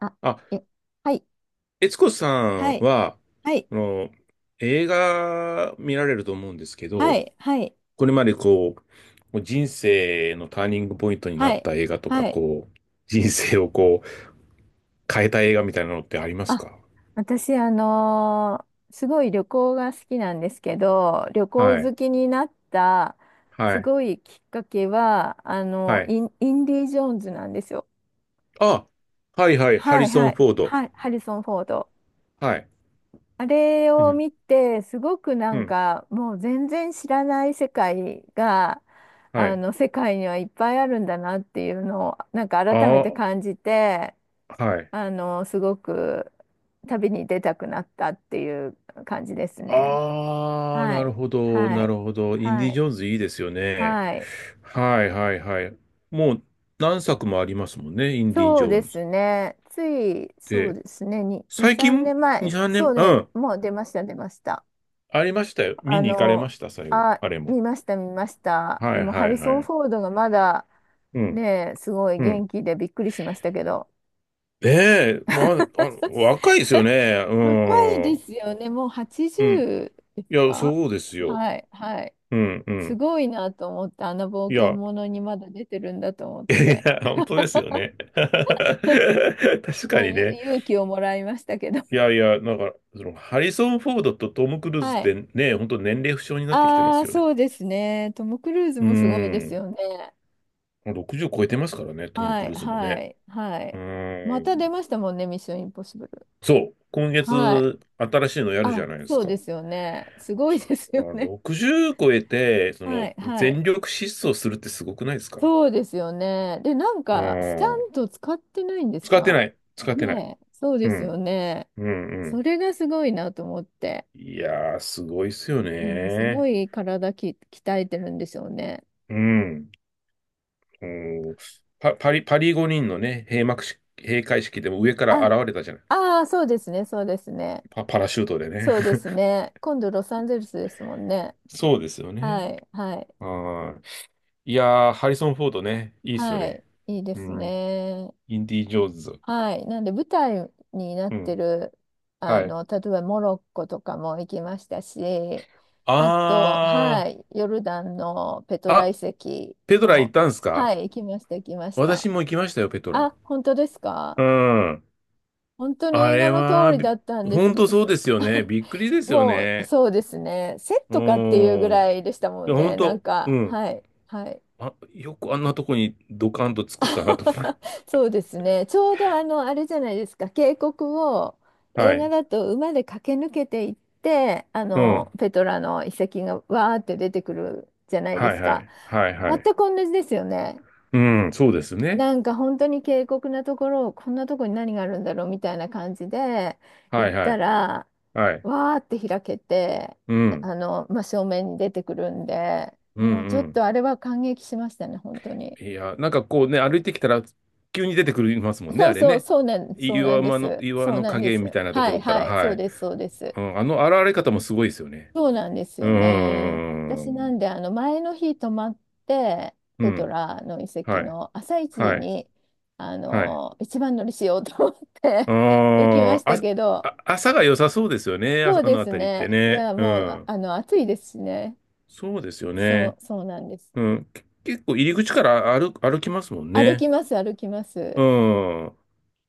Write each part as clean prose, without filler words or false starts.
あ、あ、え、はい、悦子さはんい、は、はい、あの、映画見られると思うんですけはど、い、はい、これまでこう、もう人生のターニングポイントになはっい、た映画とか、はい。こう、人生をこう、変えた映画みたいなのってありますあ、か？私、すごい旅行が好きなんですけど、旅行はい、好きになったはすい、ごいきっかけは、あの、はい。インディ・ジョーンズなんですよ。あ、はいはい、ハはリい、ソはン・い、フォード。はい、ハリソン・フォード。はい。あれうをん、見て、すごくなうんん、か、もう全然知らない世界が、はあい。の、世界にはいっぱいあるんだなっていうのを、なんか改めてあ感じて、あ、はい。あの、すごく旅に出たくなったっていう感じですね。ああ、はない。るほど、はない。るほど。インデはィ・ジい。ョーンズいいですよね。はい。はいはいはい。もう何作もありますもんね、インディ・そジうョーでンズっすね。つい、そうて。ですね。2、2、最3近、年2、前。3そ年、ううね。ん、もう出ました、出ました。ありましたよ。見あに行かれまの、した、最後。あ、あれも。見ました、見ました。はでいも、ハはリいソはン・い。フォードがまだ、うん、ね、すごいう元ん。気でびっくりしましたけど。ねえ、ま あ、若いですよね。う若いでん。すよね。もううん。80ですいや、か？そうですよ。はい、はい。うん、うすん。ごいなと思って、あの冒い険や、者にまだ出てるんだと思っいて。や、本当ですよね。確かもうにね。勇気をもらいましたけど。いやいや、なんか、ハリソン・フォードとトム・クルーズっはい。てね、本当年齢不詳になってきてまあすあ、よね。そうですね。トム・クルーズうもすごいでーすん。よね。60超えてますからね、トム・はクい、ルーズもはね。い、はうい。ーまたん。出ましたもんね、ミッション・インポッシブル。そう。今はい。月、新しいのやるじゃあ、ないですそうか。ですよね。すごいそですようね。60超えて、はい、はい。全力疾走するってすごくないですか？そうですよね。で、なんうか、スタん。ント使ってないんです使ってか？ない。使ってない。ねえ、そううですよん。ね。うんうそん。れがすごいなと思って。いやー、すごいっすようん、すごね。い鍛えてるんでしょうね。うん。うん。パリ五輪のね、閉幕式、閉会式でも上からあ、現れたじゃない。ああ、そうですね、そうですね。パラシュートでね。そうで すね。今度ロサンゼルスですもんね。そうですよはね。い、はい、はい。いやー、ハリソン・フォードね、いいっすよはい。ね。いいでうすん。ね。インディ・ジョーンズ。はい。なんで舞台になっうてん。る、あはい。の、例えばモロッコとかも行きましたし、ああと、はい、ヨルダンのペトー、ラ遺あ、跡ペトラ行っも、たんすか？はい、行きました、行きました。私も行きましたよ、ペトラ。あ、本当ですか？うん。本当にあ映画れの通は、りだったんでほすんが、とそうです すよね。びっくりで すよもうね。そうですね、セッうトかっていうぐん。いらいでしたもや、んほね、んなんと、うか、ん。はい、はい。あ、よくあんなとこにドカンと作ったなと思う。そうですね。ちょうどあの、あれじゃないですか、渓谷をは映画い。だと馬で駆け抜けていって、あうの、ん。ペトラの遺跡がわーって出てくるじゃないではいすはか。い。はい全はくい。同じですよね。うん、そうですね。なんか本当に渓谷なところを、こんなとこに何があるんだろうみたいな感じでは行っいはたい。ら、はい。わーって開けて、うん。あの、真正面に出てくるんで、うんもうちょうっん。とあれは感激しましたね、本当に。いや、なんかこうね、歩いてきたら急に出てくるますもんね、そうあれそう、ね。そうなん岩で間の、す。岩そうのなんで影みす。たいなとはこいろから、はい、そはうい。です、そうです。うん、あの現れ方もすごいですよね。そうなんですうーよね。私なん。んで、あの、前の日泊まって、うペトん。ラの遺跡はい。の朝一はい。に、あはい。の、一番乗りしようと思って 行きまあしーたあ、けど、あ、朝が良さそうですよね。あ、そうあでのあすたりってね。いね。や、うもう、ん。あの、暑いですしね。そうですよそね。う、そうなんです。うん。結構入り口から歩きますもん歩ね。きます、歩きます。うん。う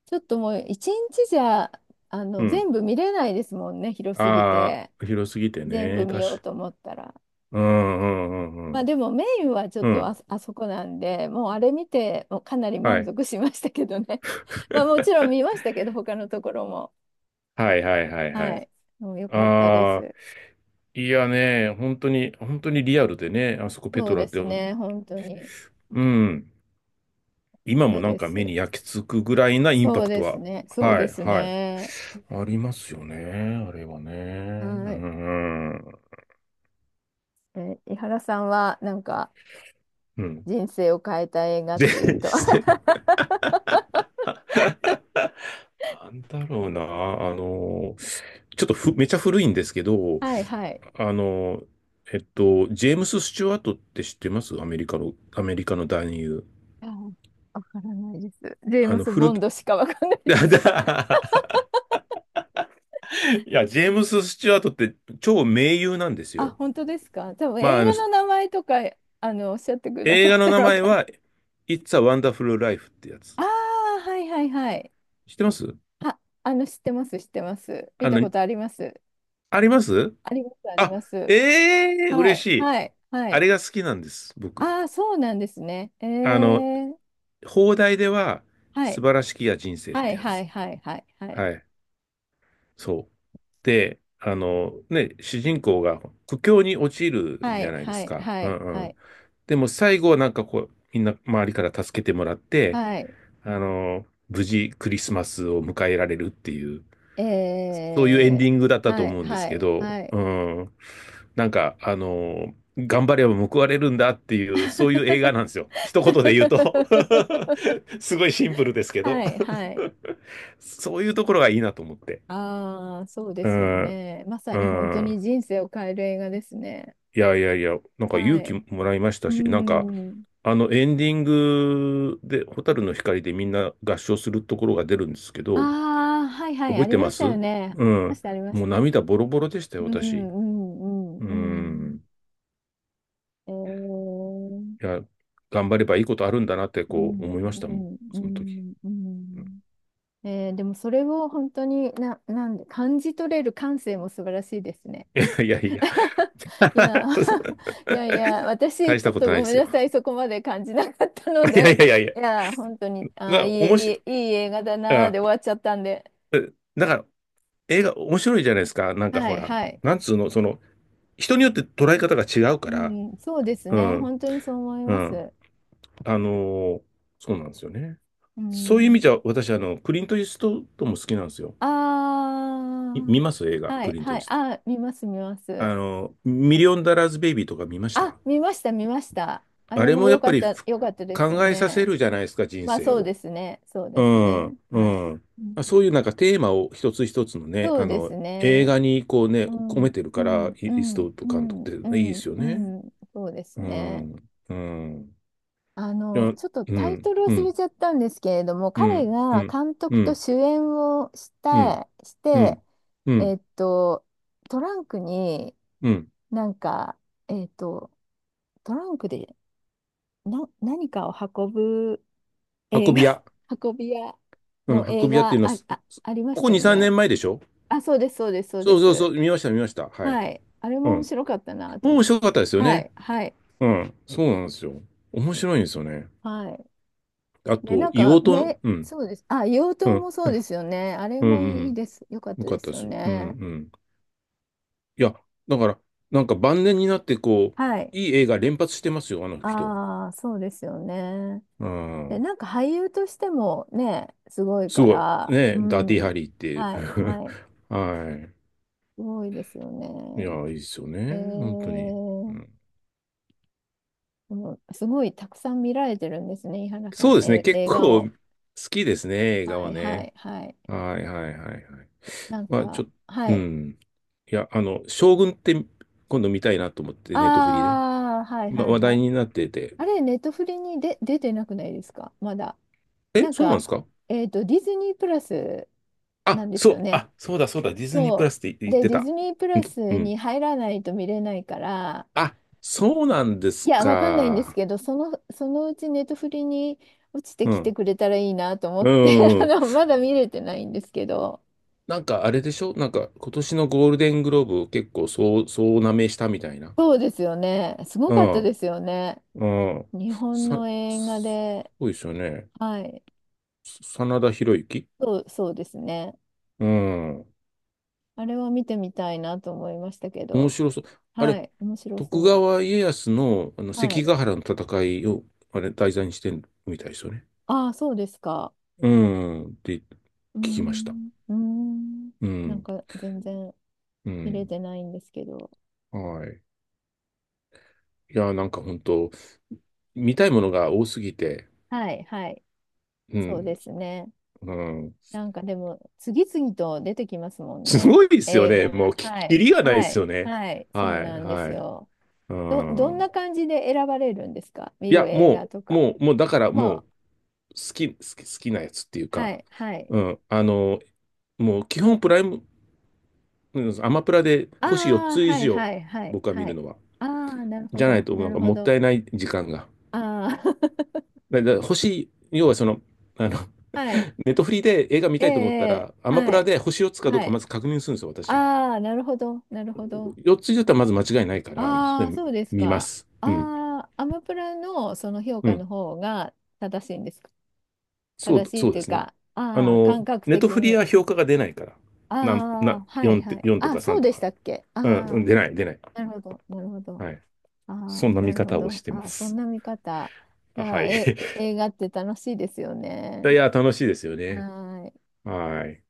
ちょっともう、一日じゃ、あの、ん。全部見れないですもんね、広すぎあて。あ、広すぎて全部ね。見よ確うか。と思ったら。うんうんうまあんでもメインはちょっうん。うとん。あそこなんで、もうあれ見て、もうかなりは満い。足しましたけどね。まあも ちろん見ましたけど、他のところも。はいはいはいははい。い。もう良かったでああ、す。いやね、本当に、本当にリアルでね、あそこペそトうラでって、すね。本当に良かうん。今っもたなんでかす。目に焼き付くぐらいなインパそうクトですは、ね。そうはでい、すはい。ね。ありますよね、あれはね。うはい。ん。え、井原さんはなんかうん。人生を変えた映画っで、ていうと。 なんだろうな、ちょっとめちゃ古いんですけど、はいはい。あの、ジェームス・スチュワートって知ってます？アメリカの、アメリカの男優。あ、わからないです。ジェームス・ボ古き、ン いドしかわかんないでや、ジす。ェームス・スチュワートって超名優なんですあ、よ。本当ですか。多分まあ、映画の名前とか、あの、おっしゃってくだ映さ画っのた名らわ前かる。は、It's a Wonderful Life ってやあつ。あ、はいはいはい。知ってます？あ、あの、知ってます、知ってます。見あたの、ことあります。あります？あります、ありあ、ます。ええー、は嬉しい、い。はい、はあい。れが好きなんです、僕。ああ、そうなんですね。えあの、ー、放題では、は素い、晴らしきや人生っはてい、やはつ。い、はい、はい、はい、はい。そう。で、ね、主人公が苦境に陥るはじい、ゃないではすい、か。はうい、んうはい、ん。でも最後はなんかこう、みんな周りから助けてもらって、はい、無事クリスマスを迎えられるっていう、そういうエンえディングだっー、たとはい、思うんではすけい、ど、はい。うん。なんか、頑張れば報われるんだっていう、そういう映画なんですよ。一言で言うと。 すごいシンプルですけど、はい、はい。そういうところがいいなと思って。ああ、そうでうすよん、ね。まさうに本当ん。に人生を変える映画ですね。いやいやいや、なんかは勇気い。もらいましたうし、なんか、ん。あのエンディングで、蛍の光でみんな合唱するところが出るんですけあど、あ、はいはい、覚あえりてまましたよす？ね。うありまん。した、ありましもうた。涙ボロボロでしたうよ、ん、う私。ん、ううん、うん。ん。えー、いや、頑張ればいいことあるんだなって、うこうん、う思いましたもん、ん、うその時。ん、ううん。 ん。えー、でもそれを本当になんで、感じ取れる感性も素晴らしいですね。いやいや。い や、いやいや、私、大しちょたっこととないごでめんすよ。なさい、そこまで感じなかったの いやいで、やいやいや。いや、本当に、あー、な、おもし、いい、いい、いい映画だなーあ、で終わっちゃったんで、だから、映画面白いじゃないですか。なんかはほい、ら、はい。なんつうの、人によって捉え方が違ううから、ん、そうですうね、ん、本当にそう思いうまん。す。あのーそうなんですよね。うそういう意味じん、ゃ、私、クリント・イーストウッドも好きなんですよ。あ見ます映あ、画、はクい、リント・はイーい、ストあー、見ます、見まウッド。す。ミリオン・ダラーズ・ベイビーとか見ましあ、た？見ました、見ました。ああれれももや良っかぱっりた、良かったですよ考えさせね。るじゃないですか、人まあ、生そうを。ですね、そううですん、ね。はい。うん。うんあそういうなんかテーマを一つ一つのね、そうです映ね。画にこうね、う込ん、めてるうから、ん、イうースん、トウッドう監督ん、っうていいでん、すよね。うんそうですうね。ん、うん、あいや、うの、ん、ちょっとうタイん、トルう忘れん、ちゃったんですけれども、う彼ん、うがん、監う督とん、主演をしうたん、い、しうて、ん、うえん、っと、トランクにうんなんか、えっと、トランクで何かを運ぶ運映び画、屋。運び屋うのん、映運び屋っていう画のは、ありまこしこたよ2、3ね。年前でしょ？あ、そうです、そうです、そうでそうそうそす。う、見ました、見ました。はい。はい。あれうも面ん。白かったなと思面って。白かったですよはね。い、はい、うん、そうなんですよ。面白いんですよね。はい。あで、なと、んか、硫黄島の、うん、そうです。あ、硫黄う島ん、もそうですよね。あれうん、もういいん、です。よかっよたかでったすでよす。うん、うね。ん。いや、だから、なんか晩年になって、こはう、い。いい映画連発してますよ、あの人。ああ、そうですよね。うで、ん。なんか俳優としてもね、すごいすかごい。ら、うね、ダーティーん。ハリーっていはい、う。はい。はすごいですよね。い。いや、いいですよえー、ね。本当に。うん、もうすごいたくさん見られてるんですね、井原さそうん、ですね。え、結映画構を。好きですね、映画ははい、はね。い、はい。はいはいはいはい。なんまあ、か、はうい。ん。いや、将軍って今度見たいなと思って、ネットフリで。ああ、はい今はい話は題い。になってて。あれ、ネットフリにで出てなくないですか、まだ。え、なんそうなんでか、すか？えっと、ディズニープラスなあ、んですそよう、ね。あ、そうだそうだ、ディズニープラそスってう。言っで、てディた。ズニープうん。ラうスん。に入らないと見れないから、あ、そうなんでいすや、わかんないんですか。けど、その、そのうちネットフリに落ちてうきてん。くれたらいいなと思うって、あん。の、まだ見れてないんですけど、なんかあれでしょ？なんか今年のゴールデングローブを結構そうなめしたみたいな。そうですよね。すごうかったでん。すよね。うん。日本さ、の映画すで、ごいですよね。はい。真田広之。そう、そうですね。うん。あれは見てみたいなと思いましたけ面ど。白そう。あはれ、い。面白徳そ川家康の、あのう。は関い。ヶ原の戦いを、あれ、題材にしてるみたいですよね。ああ、そうですか。うん。って聞うーきました。ん。うーん。うなんん。か全然う見れん。てないんですけど。はい。いや、なんか本当見たいものが多すぎて、はい、はい。うそうん。ですね。うん。なんかでも、次々と出てきますもんすね。ごいですよ映ね。画もが。う、はきい。りがないではすい。よね。はい。そうはい、なんですはい。よ。うどんん。な感じで選ばれるんですか、見いるや、映画もとう、か。もう、もう、だからまもう、あ、好き、好き、好きなやつっていうはか、い、はい。うん。もう、基本プライム、うんアマプラであ星4あ、つ以はい、上、はい、はい、僕は見はるい。のは。ああ、なるほじゃないど、と、ななんるかほもっど。たいない時間が。ああ、星、要はあの、はい。ネットフリで映画見ええ、たいと思ったら、アええマプはラい。で星4つかどうはかい。まず確認するんですよ、私。ああ、なるほど、なるほど。4つ以上だったらまず間違いないから、そあれあ、そうです見まか。す。うん。ああ、アマプラのその評う価のん。方が正しいんですか。そう、正しいっそうてでいうすね。か、ああ、感覚ネト的フリに。は評価が出ないから。なん、な、ああ、はい4はて、い。4とあ、かそう3とでしか。たっけ。あうん、うんあ、出ない、出ない。なるほど、なるほど。はい。ああ、そんなな見るほ方をしど。てまああ、そんす。な見方。あああはー、い。え、映画って楽しいですよいね。や、楽しいですよはね。ーい。はい。